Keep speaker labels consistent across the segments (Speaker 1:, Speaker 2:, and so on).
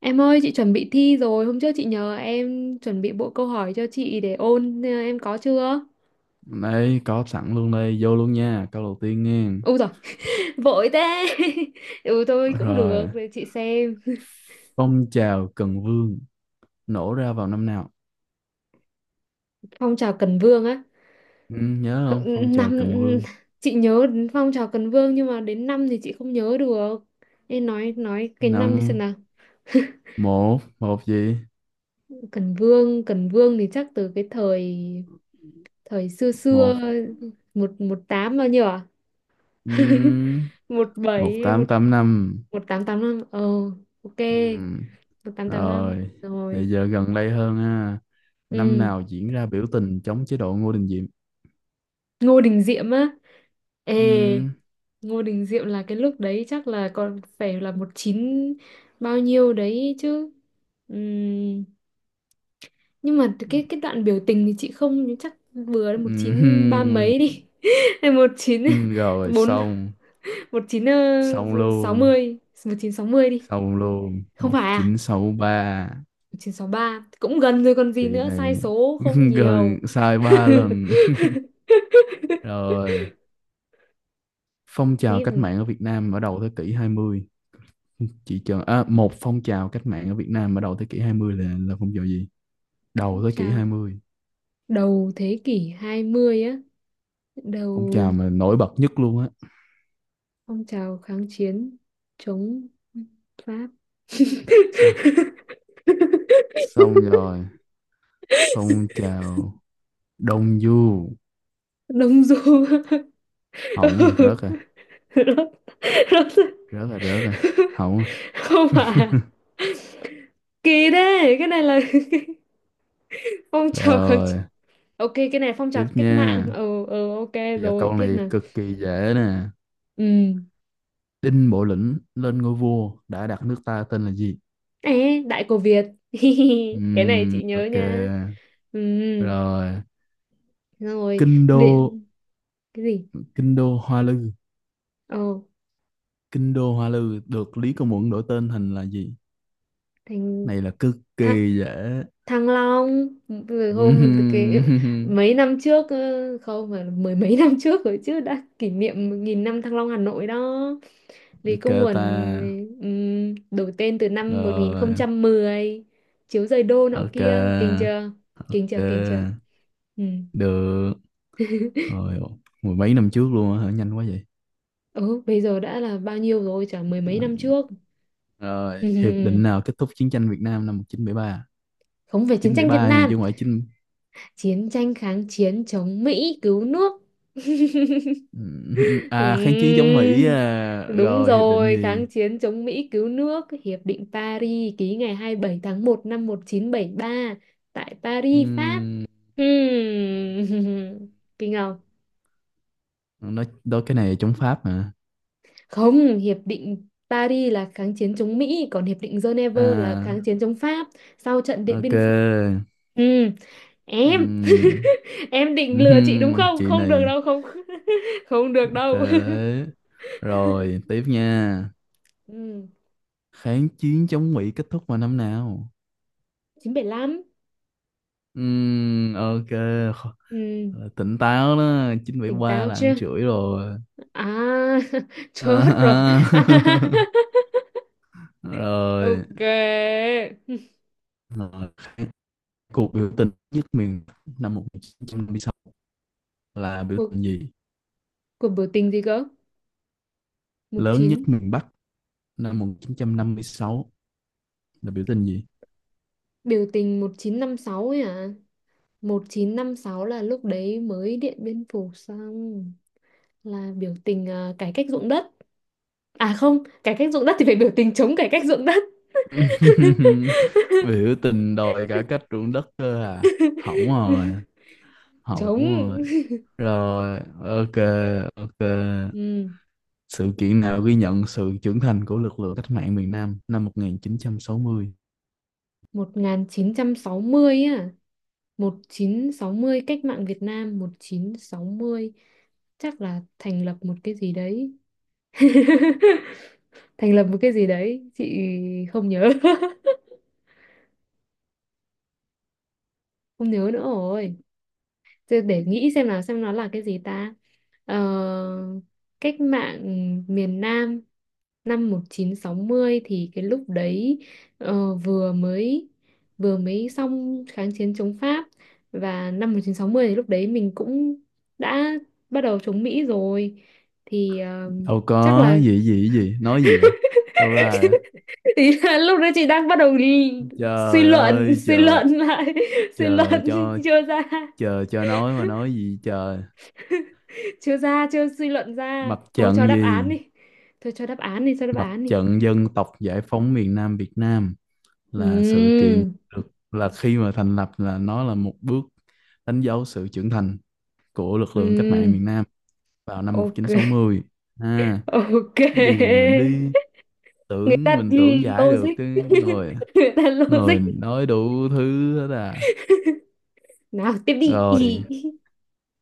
Speaker 1: Em ơi, chị chuẩn bị thi rồi. Hôm trước chị nhờ em chuẩn bị bộ câu hỏi cho chị để ôn. Ờ, Em có chưa?
Speaker 2: Đấy, có sẵn luôn đây, vô luôn nha, câu đầu tiên nghe.
Speaker 1: Ôi rồi vội thế. Ừ thôi cũng được,
Speaker 2: Rồi,
Speaker 1: để chị xem.
Speaker 2: phong trào Cần Vương nổ ra vào năm nào?
Speaker 1: Phong trào Cần Vương á.
Speaker 2: Ừ, nhớ không? Phong trào
Speaker 1: Năm
Speaker 2: Cần Vương.
Speaker 1: chị nhớ đến phong trào Cần Vương nhưng mà đến năm thì chị không nhớ được. Em nói cái năm đi xem
Speaker 2: Năm
Speaker 1: nào.
Speaker 2: một, một gì?
Speaker 1: Cần Vương, Cần Vương thì chắc từ cái thời thời xưa xưa
Speaker 2: Một,
Speaker 1: một một tám bao nhiêu à?
Speaker 2: ừm,
Speaker 1: Một
Speaker 2: một
Speaker 1: bảy
Speaker 2: tám
Speaker 1: một
Speaker 2: tám năm.
Speaker 1: một tám tám năm. Ờ, ok.
Speaker 2: Ừm,
Speaker 1: Một tám tám năm
Speaker 2: Rồi,
Speaker 1: rồi,
Speaker 2: bây giờ gần đây hơn ha. Năm
Speaker 1: ừ.
Speaker 2: nào diễn ra biểu tình chống chế độ Ngô Đình Diệm?
Speaker 1: Ngô Đình Diệm á, ê,
Speaker 2: Ừm,
Speaker 1: Ngô Đình Diệm là cái lúc đấy chắc là còn phải là một chín bao nhiêu đấy chứ. Ừm, nhưng mà cái đoạn biểu tình thì chị không, nhưng chắc vừa đến một chín ba
Speaker 2: ừm,
Speaker 1: mấy đi hay một chín
Speaker 2: Rồi,
Speaker 1: bốn,
Speaker 2: xong,
Speaker 1: một chín
Speaker 2: xong
Speaker 1: sáu
Speaker 2: luôn,
Speaker 1: mươi, một chín sáu mươi đi.
Speaker 2: xong luôn.
Speaker 1: Không
Speaker 2: Một
Speaker 1: phải à?
Speaker 2: chín sáu ba.
Speaker 1: Một chín sáu ba cũng gần rồi còn gì,
Speaker 2: Chị
Speaker 1: nữa sai
Speaker 2: này
Speaker 1: số không
Speaker 2: gần
Speaker 1: nhiều.
Speaker 2: sai ba lần rồi. Phong trào
Speaker 1: Tiếp.
Speaker 2: cách mạng ở Việt Nam ở đầu thế kỷ hai mươi, chị chờ à? Một phong trào cách mạng ở Việt Nam ở đầu thế kỷ 20 là phong trào gì? Đầu thế kỷ
Speaker 1: Chào.
Speaker 2: hai mươi,
Speaker 1: Đầu thế kỷ 20 á,
Speaker 2: phong
Speaker 1: đầu
Speaker 2: trào mà nổi bật nhất luôn á.
Speaker 1: phong trào kháng chiến chống Pháp.
Speaker 2: xong xong rồi, phong trào Đông Du.
Speaker 1: Đông Du.
Speaker 2: Hỏng rồi, rớt rồi,
Speaker 1: Ừ, nó rất,
Speaker 2: rớt rồi, rớt rồi, hỏng rồi.
Speaker 1: không phải à? Kỳ thế, cái này là phong trào kháng chiến.
Speaker 2: Rồi,
Speaker 1: Ok, cái này phong trào
Speaker 2: tiếp
Speaker 1: cách mạng.
Speaker 2: nha.
Speaker 1: Ờ ờ, ok.
Speaker 2: Giờ
Speaker 1: Rồi,
Speaker 2: câu
Speaker 1: tiếp
Speaker 2: này
Speaker 1: nào.
Speaker 2: cực kỳ dễ nè.
Speaker 1: Ừ.
Speaker 2: Đinh Bộ Lĩnh lên ngôi vua đã đặt nước ta tên là gì?
Speaker 1: Ê, Đại Cổ Việt. Cái này chị nhớ
Speaker 2: Ok.
Speaker 1: nha. Ừ.
Speaker 2: Rồi,
Speaker 1: Rồi,
Speaker 2: kinh đô
Speaker 1: điện cái gì?
Speaker 2: kinh đô Hoa Lư
Speaker 1: Ờ,
Speaker 2: kinh đô Hoa Lư được Lý Công Uẩn đổi tên thành là gì?
Speaker 1: thành,
Speaker 2: Này là cực
Speaker 1: thăng,
Speaker 2: kỳ dễ.
Speaker 1: Thăng Long rồi. Hôm cái
Speaker 2: Ừm,
Speaker 1: mấy năm trước, ơ, không mà mười mấy năm trước rồi chứ, đã kỷ niệm một nghìn năm Thăng Long Hà Nội đó. Lý
Speaker 2: ok
Speaker 1: Công
Speaker 2: ta.
Speaker 1: Uẩn, đổi tên từ năm một nghìn không
Speaker 2: Rồi,
Speaker 1: trăm mười, chiếu giời đô nọ
Speaker 2: ok,
Speaker 1: kia, kinh chưa, kinh chưa, kinh chưa.
Speaker 2: ok,
Speaker 1: Ừ.
Speaker 2: được rồi. Mười mấy năm trước luôn á hả? Nhanh quá vậy.
Speaker 1: Ừ, bây giờ đã là bao nhiêu rồi, chả mười mấy
Speaker 2: À,
Speaker 1: năm trước.
Speaker 2: rồi, hiệp
Speaker 1: Ừ,
Speaker 2: định nào kết thúc chiến tranh Việt Nam năm một chín chín bảy ba?
Speaker 1: không, về chiến
Speaker 2: Chín bảy
Speaker 1: tranh Việt
Speaker 2: ba nha
Speaker 1: Nam,
Speaker 2: chứ không phải chín.
Speaker 1: chiến tranh kháng chiến chống Mỹ cứu nước.
Speaker 2: À, kháng chiến chống Mỹ
Speaker 1: Ừm,
Speaker 2: à?
Speaker 1: đúng
Speaker 2: Rồi hiệp định
Speaker 1: rồi,
Speaker 2: gì?
Speaker 1: kháng chiến chống Mỹ cứu nước, Hiệp định Paris ký ngày 27 tháng một năm 1973 tại Paris, Pháp.
Speaker 2: Ừm,
Speaker 1: Ừm, kinh không?
Speaker 2: nói đó, cái này chống Pháp mà.
Speaker 1: Không, Hiệp định Paris là kháng chiến chống Mỹ, còn Hiệp định Geneva là kháng
Speaker 2: À,
Speaker 1: chiến chống Pháp sau trận Điện
Speaker 2: ok.
Speaker 1: Biên Phủ. Ừm, em,
Speaker 2: Ừm,
Speaker 1: em định lừa chị đúng
Speaker 2: ừm,
Speaker 1: không?
Speaker 2: chị
Speaker 1: Không được
Speaker 2: này.
Speaker 1: đâu, không, không được
Speaker 2: Ok
Speaker 1: đâu.
Speaker 2: đấy. Rồi tiếp nha.
Speaker 1: Ừm,
Speaker 2: Kháng chiến chống Mỹ kết thúc vào năm nào?
Speaker 1: 975.
Speaker 2: Ok. Kho-
Speaker 1: Ừm,
Speaker 2: là tỉnh táo đó,
Speaker 1: tỉnh
Speaker 2: 973
Speaker 1: táo
Speaker 2: là
Speaker 1: chưa?
Speaker 2: ăn chửi rồi.
Speaker 1: À, chết rồi.
Speaker 2: À, à. Rồi,
Speaker 1: Ok.
Speaker 2: rồi. Cuộc biểu tình nhất miền Bắc năm 1956 là biểu
Speaker 1: Cuộc,
Speaker 2: tình gì?
Speaker 1: cuộc biểu tình gì cơ? Một
Speaker 2: Lớn nhất
Speaker 1: chín,
Speaker 2: miền Bắc năm 1956 là biểu tình gì?
Speaker 1: biểu tình 1956 ấy à? Một chín năm sáu là lúc đấy mới Điện Biên Phủ xong, là biểu tình à, cải cách ruộng đất. À không, cải cách ruộng đất thì phải biểu tình chống cải cách ruộng đất.
Speaker 2: Biểu tình đòi cải cách ruộng đất cơ à? Hỏng rồi, hỏng
Speaker 1: Chống.
Speaker 2: rồi. Rồi, ok, ok.
Speaker 1: Ừ,
Speaker 2: Sự kiện nào ghi nhận sự trưởng thành của lực lượng cách mạng miền Nam năm 1960?
Speaker 1: 1960 á. Một chín sáu mươi, cách mạng Việt Nam một chín sáu mươi, chắc là thành lập một cái gì đấy. Thành lập một cái gì đấy, chị không nhớ. Không nhớ nữa rồi. Thế để nghĩ xem là xem nó là cái gì ta. ờ, Cách mạng miền Nam năm 1960 thì cái lúc đấy ờ, vừa mới vừa mới xong kháng chiến chống Pháp, và năm 1960 thì lúc đấy mình cũng đã bắt đầu chống Mỹ rồi, thì ờ,
Speaker 2: Đâu
Speaker 1: chắc
Speaker 2: có,
Speaker 1: là
Speaker 2: gì gì gì, nói gì ạ? Đâu ra vậy?
Speaker 1: thì là lúc đấy chị đang bắt đầu đi
Speaker 2: Trời ơi,
Speaker 1: suy luận lại suy
Speaker 2: chờ
Speaker 1: luận
Speaker 2: cho,
Speaker 1: chưa ra,
Speaker 2: chờ cho nói mà, nói gì trời.
Speaker 1: chưa ra, chưa suy luận ra,
Speaker 2: Mặt
Speaker 1: thôi cho
Speaker 2: trận
Speaker 1: đáp án
Speaker 2: gì?
Speaker 1: đi, thôi cho đáp án đi, cho đáp
Speaker 2: Mặt
Speaker 1: án đi.
Speaker 2: trận Dân tộc Giải phóng miền Nam Việt Nam. Là sự
Speaker 1: Ừ.
Speaker 2: kiện được, là khi mà thành lập, là nó là một bước đánh dấu sự trưởng thành của lực lượng cách mạng miền
Speaker 1: Ừ,
Speaker 2: Nam vào năm
Speaker 1: ok.
Speaker 2: 1960. À.
Speaker 1: Ok.
Speaker 2: Gì mà đi?
Speaker 1: Người
Speaker 2: Tưởng
Speaker 1: ta
Speaker 2: mình tưởng giải được
Speaker 1: logic.
Speaker 2: cái, người
Speaker 1: Người ta
Speaker 2: người
Speaker 1: logic.
Speaker 2: nói đủ thứ hết à.
Speaker 1: Nào tiếp đi.
Speaker 2: Rồi,
Speaker 1: Ý.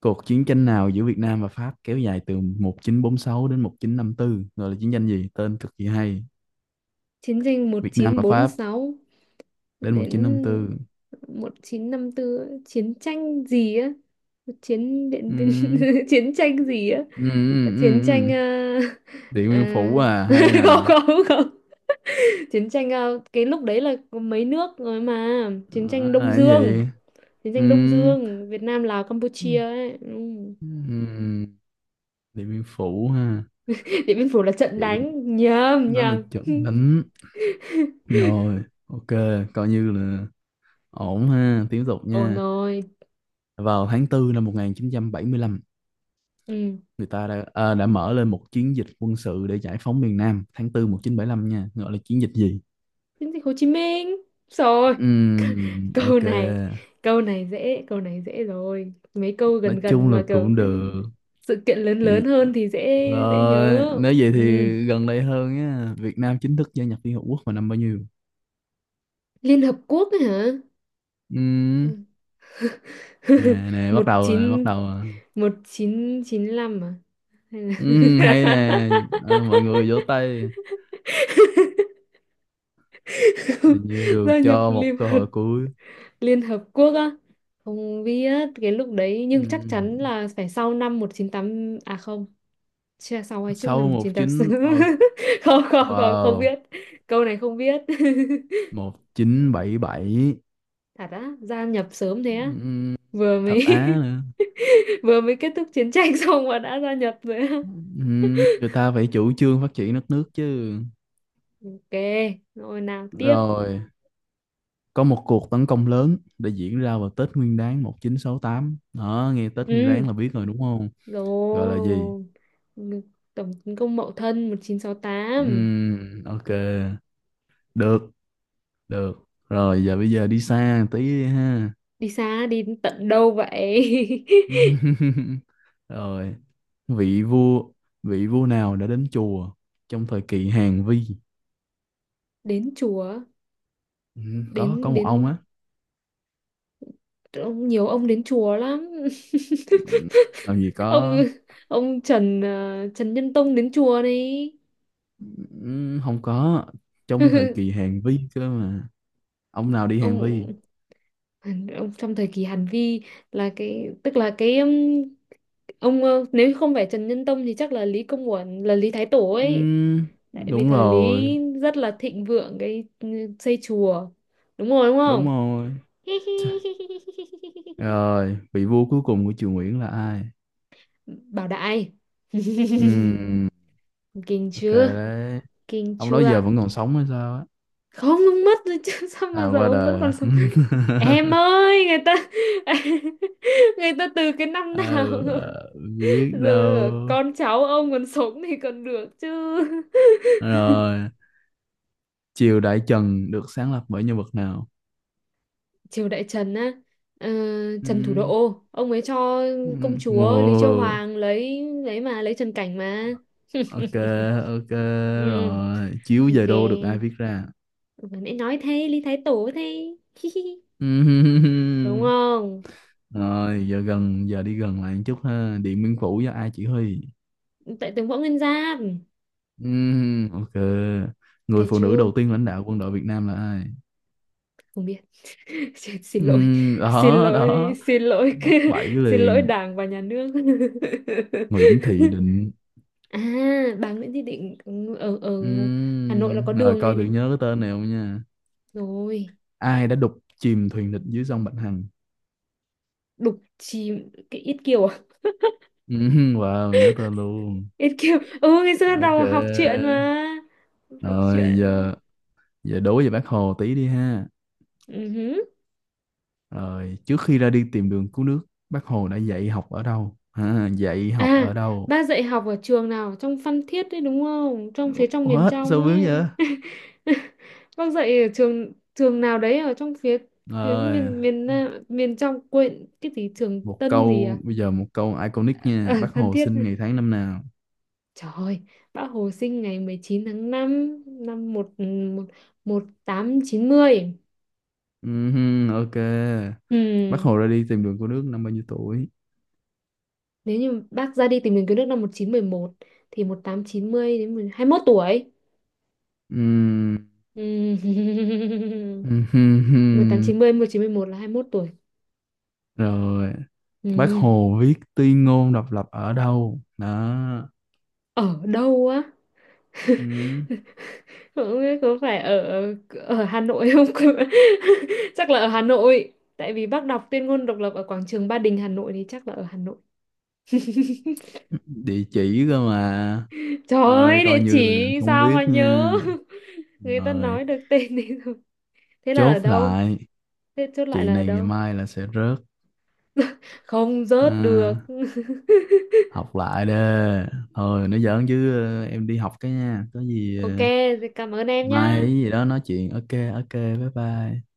Speaker 2: cuộc chiến tranh nào giữa Việt Nam và Pháp kéo dài từ 1946 đến 1954 gọi là chiến tranh gì? Tên cực kỳ hay.
Speaker 1: Chiến tranh
Speaker 2: Việt Nam và Pháp
Speaker 1: 1946
Speaker 2: đến
Speaker 1: đến
Speaker 2: 1954.
Speaker 1: 1954 ấy. Chiến tranh gì á? Chiến
Speaker 2: Ừ.
Speaker 1: điện biên chiến tranh gì á?
Speaker 2: Ừ, ừ,
Speaker 1: Chiến
Speaker 2: ừ,
Speaker 1: tranh
Speaker 2: ừ. Điện
Speaker 1: ờ,
Speaker 2: Biên Phủ à, hay nè.
Speaker 1: không không không. Chiến tranh cái lúc đấy là có mấy nước rồi mà.
Speaker 2: Ờ,
Speaker 1: Chiến tranh
Speaker 2: là
Speaker 1: Đông
Speaker 2: cái
Speaker 1: Dương.
Speaker 2: gì?
Speaker 1: Chiến tranh Đông
Speaker 2: Ừm,
Speaker 1: Dương, Việt Nam, Lào, Campuchia
Speaker 2: ừm,
Speaker 1: ấy. Ừ.
Speaker 2: Điện Biên Phủ ha.
Speaker 1: Điện Biên Phủ là trận
Speaker 2: Điện,
Speaker 1: đánh, nhầm
Speaker 2: Đó là
Speaker 1: nhầm.
Speaker 2: trận đánh. Rồi, ok, coi như là ổn ha. Tiếp tục
Speaker 1: Ồ
Speaker 2: nha.
Speaker 1: nồi.
Speaker 2: Vào tháng tư năm 1975,
Speaker 1: Ừ.
Speaker 2: người ta đã mở lên một chiến dịch quân sự để giải phóng miền Nam, tháng 4 lăm nha, gọi là chiến dịch gì?
Speaker 1: Chiến dịch Hồ Chí Minh rồi. Câu
Speaker 2: Ok.
Speaker 1: này, câu này dễ, câu này dễ rồi, mấy câu
Speaker 2: Nói
Speaker 1: gần gần
Speaker 2: chung là
Speaker 1: mà kiểu
Speaker 2: cũng được.
Speaker 1: sự kiện lớn,
Speaker 2: Thì-
Speaker 1: lớn hơn thì dễ, dễ
Speaker 2: Rồi,
Speaker 1: nhớ.
Speaker 2: nếu vậy thì
Speaker 1: Ừ.
Speaker 2: gần đây hơn á, Việt Nam chính thức gia nhập Liên Hợp Quốc vào năm bao nhiêu?
Speaker 1: Liên Hợp Quốc ấy hả?
Speaker 2: Ừ.
Speaker 1: Ừ.
Speaker 2: Nè, nè, bắt
Speaker 1: Một
Speaker 2: đầu nè, bắt
Speaker 1: chín,
Speaker 2: đầu nè.
Speaker 1: một chín chín năm à, hay là
Speaker 2: Ừ, hay nè. Ờ, mọi người vỗ tay. Và nhiều
Speaker 1: gia nhập
Speaker 2: cho một
Speaker 1: Liên,
Speaker 2: cơ hội cuối.
Speaker 1: Liên Hợp Quốc á, không biết cái lúc đấy,
Speaker 2: Ừ.
Speaker 1: nhưng chắc chắn là phải sau năm một chín tám, à không, chưa, sau hay trước
Speaker 2: Sau
Speaker 1: năm
Speaker 2: một
Speaker 1: 1986
Speaker 2: chín,
Speaker 1: không không không, không
Speaker 2: wow,
Speaker 1: biết, câu này không biết.
Speaker 2: 1977.
Speaker 1: Thật á, gia nhập sớm thế á,
Speaker 2: Ừ.
Speaker 1: vừa mới
Speaker 2: Thật á nữa.
Speaker 1: vừa mới kết thúc chiến tranh xong mà đã gia nhập rồi á.
Speaker 2: Ừ. Người ta phải chủ trương phát triển đất nước chứ.
Speaker 1: Ok, rồi nào tiếp.
Speaker 2: Rồi, có một cuộc tấn công lớn đã diễn ra vào Tết Nguyên Đán 1968, đó, nghe Tết Nguyên Đán
Speaker 1: Ừ.
Speaker 2: là biết rồi đúng không? Gọi là gì?
Speaker 1: Rồi. Ừ, tổng tấn công Mậu Thân một chín sáu tám.
Speaker 2: Ok. Được, được rồi. Bây giờ đi xa một tí đi ha.
Speaker 1: Đi xa, đi đến tận đâu vậy?
Speaker 2: Rồi, vị vua vị vua nào đã đến chùa trong thời kỳ Hàn Vi?
Speaker 1: Đến chùa,
Speaker 2: Ừ, có
Speaker 1: đến,
Speaker 2: một ông
Speaker 1: đến,
Speaker 2: á.
Speaker 1: ông nhiều, ông đến chùa lắm.
Speaker 2: Ừ, làm gì có.
Speaker 1: ông ông Trần, Trần Nhân Tông đến chùa này.
Speaker 2: Ừ, không có, trong thời kỳ Hàn Vi cơ mà. Ông nào đi Hàn Vi?
Speaker 1: ông ông trong thời kỳ Hàn Vi là cái, tức là cái, ông, nếu không phải Trần Nhân Tông thì chắc là Lý Công Uẩn là Lý Thái Tổ ấy,
Speaker 2: Ừ,
Speaker 1: tại vì
Speaker 2: đúng
Speaker 1: thời Lý
Speaker 2: rồi,
Speaker 1: rất là thịnh vượng cái xây chùa, đúng rồi đúng
Speaker 2: đúng
Speaker 1: không?
Speaker 2: rồi. Chà, rồi, vị vua cuối cùng của triều Nguyễn là ai?
Speaker 1: Bảo đại.
Speaker 2: Ừ,
Speaker 1: Kinh
Speaker 2: ok
Speaker 1: chưa?
Speaker 2: đấy.
Speaker 1: Kinh
Speaker 2: Ông đó giờ
Speaker 1: chưa?
Speaker 2: vẫn còn sống hay sao á?
Speaker 1: Không, ông mất rồi chứ, sao
Speaker 2: À,
Speaker 1: mà giờ
Speaker 2: qua
Speaker 1: ông vẫn
Speaker 2: đời
Speaker 1: còn
Speaker 2: à?
Speaker 1: sống? Em ơi, người ta người ta từ cái năm nào
Speaker 2: Ờ,
Speaker 1: rồi?
Speaker 2: biết đâu.
Speaker 1: Rồi con cháu ông còn sống thì còn được chứ.
Speaker 2: Rồi, triều Đại Trần được sáng lập bởi nhân vật nào?
Speaker 1: Triều Đại Trần á, ờ, Trần Thủ
Speaker 2: Ừ,
Speaker 1: Độ, ông ấy cho
Speaker 2: ừ,
Speaker 1: công chúa Lý Chiêu
Speaker 2: ồ,
Speaker 1: Hoàng lấy Trần Cảnh mà.
Speaker 2: ok, ok
Speaker 1: Ừ,
Speaker 2: rồi. Chiếu về
Speaker 1: ok.
Speaker 2: đô được ai viết ra?
Speaker 1: Vừa nãy nói thế, Lý Thái Tổ thế.
Speaker 2: Ừ,
Speaker 1: Đúng không?
Speaker 2: rồi, giờ đi gần lại một chút ha. Điện Biên Phủ do ai chỉ huy?
Speaker 1: Tại tướng Võ Nguyên Giáp.
Speaker 2: Ừ, ok. Người
Speaker 1: Cái
Speaker 2: phụ nữ
Speaker 1: chứ.
Speaker 2: đầu tiên lãnh đạo quân đội Việt Nam là ai?
Speaker 1: Không biết. Xin,
Speaker 2: Ừ,
Speaker 1: xin lỗi, xin
Speaker 2: đó
Speaker 1: lỗi,
Speaker 2: đó,
Speaker 1: xin lỗi.
Speaker 2: mắc bẫy
Speaker 1: Xin lỗi
Speaker 2: liền.
Speaker 1: đảng và nhà nước.
Speaker 2: Nguyễn Thị Định.
Speaker 1: À, bà Nguyễn Thị Định, ừ, ở ở Hà Nội là có
Speaker 2: Rồi
Speaker 1: đường này
Speaker 2: coi thử
Speaker 1: này
Speaker 2: nhớ cái tên này không nha.
Speaker 1: rồi.
Speaker 2: Ai đã đục chìm thuyền địch dưới sông Bạch Hằng?
Speaker 1: Đục chì, cái Yết Kiều à,
Speaker 2: Wow, nhớ tên luôn.
Speaker 1: Yết Kiều, ừ, ngày xưa
Speaker 2: Ok.
Speaker 1: đầu học truyện mà, học
Speaker 2: Rồi,
Speaker 1: truyện.
Speaker 2: giờ giờ đố về bác Hồ tí đi ha.
Speaker 1: Ừ hứ.
Speaker 2: Rồi, trước khi ra đi tìm đường cứu nước, bác Hồ đã dạy học ở đâu? Ha, dạy học
Speaker 1: À,
Speaker 2: ở đâu?
Speaker 1: ba dạy học ở trường nào? Trong Phan Thiết đấy đúng không? Trong phía trong, miền
Speaker 2: What? Sao
Speaker 1: trong
Speaker 2: vướng vậy?
Speaker 1: ấy. Bác dạy ở trường trường nào đấy, ở trong phía,
Speaker 2: Rồi,
Speaker 1: miền, Nam, miền trong quên cái gì, trường Tân gì à?
Speaker 2: một câu iconic nha.
Speaker 1: Ở
Speaker 2: Bác
Speaker 1: Phan
Speaker 2: Hồ
Speaker 1: Thiết.
Speaker 2: sinh ngày tháng năm nào?
Speaker 1: Trời ơi, bác Hồ sinh ngày 19 tháng 5 năm 1 1890.
Speaker 2: Ok.
Speaker 1: Ừ,
Speaker 2: Bác Hồ ra đi tìm đường cứu nước năm bao nhiêu tuổi?
Speaker 1: nếu như bác ra đi tìm đường cứu nước năm 1911 thì một tám chín mươi đến 21 tuổi.
Speaker 2: Ừm,
Speaker 1: Ừ.
Speaker 2: hừm,
Speaker 1: một một tám
Speaker 2: hừm.
Speaker 1: chín, chín mươi, một chín mươi, 1911 là 21 tuổi.
Speaker 2: Rồi, bác
Speaker 1: Ừ.
Speaker 2: Hồ viết tuyên ngôn độc lập ở đâu? Đó.
Speaker 1: Ở đâu á?
Speaker 2: Ừm,
Speaker 1: Không biết có phải ở ở Hà Nội không? Chắc là ở Hà Nội. Tại vì bác đọc tuyên ngôn độc lập ở quảng trường Ba Đình Hà Nội thì chắc là ở Hà Nội.
Speaker 2: Địa chỉ cơ mà.
Speaker 1: Trời
Speaker 2: Ơi,
Speaker 1: ơi,
Speaker 2: coi
Speaker 1: địa chỉ
Speaker 2: như là không
Speaker 1: sao
Speaker 2: biết
Speaker 1: mà nhớ?
Speaker 2: nha.
Speaker 1: Người ta
Speaker 2: Rồi,
Speaker 1: nói được tên đi rồi. Thế là
Speaker 2: chốt
Speaker 1: ở đâu?
Speaker 2: lại.
Speaker 1: Thế chốt lại
Speaker 2: Chị
Speaker 1: là ở
Speaker 2: này ngày
Speaker 1: đâu?
Speaker 2: mai là sẽ rớt.
Speaker 1: Không rớt được.
Speaker 2: À, học lại đi. Thôi, nó giỡn chứ, em đi học cái nha. Có gì,
Speaker 1: Ok, thì cảm ơn em
Speaker 2: mai hay
Speaker 1: nhá.
Speaker 2: gì đó nói chuyện. Ok, ok, bye bye.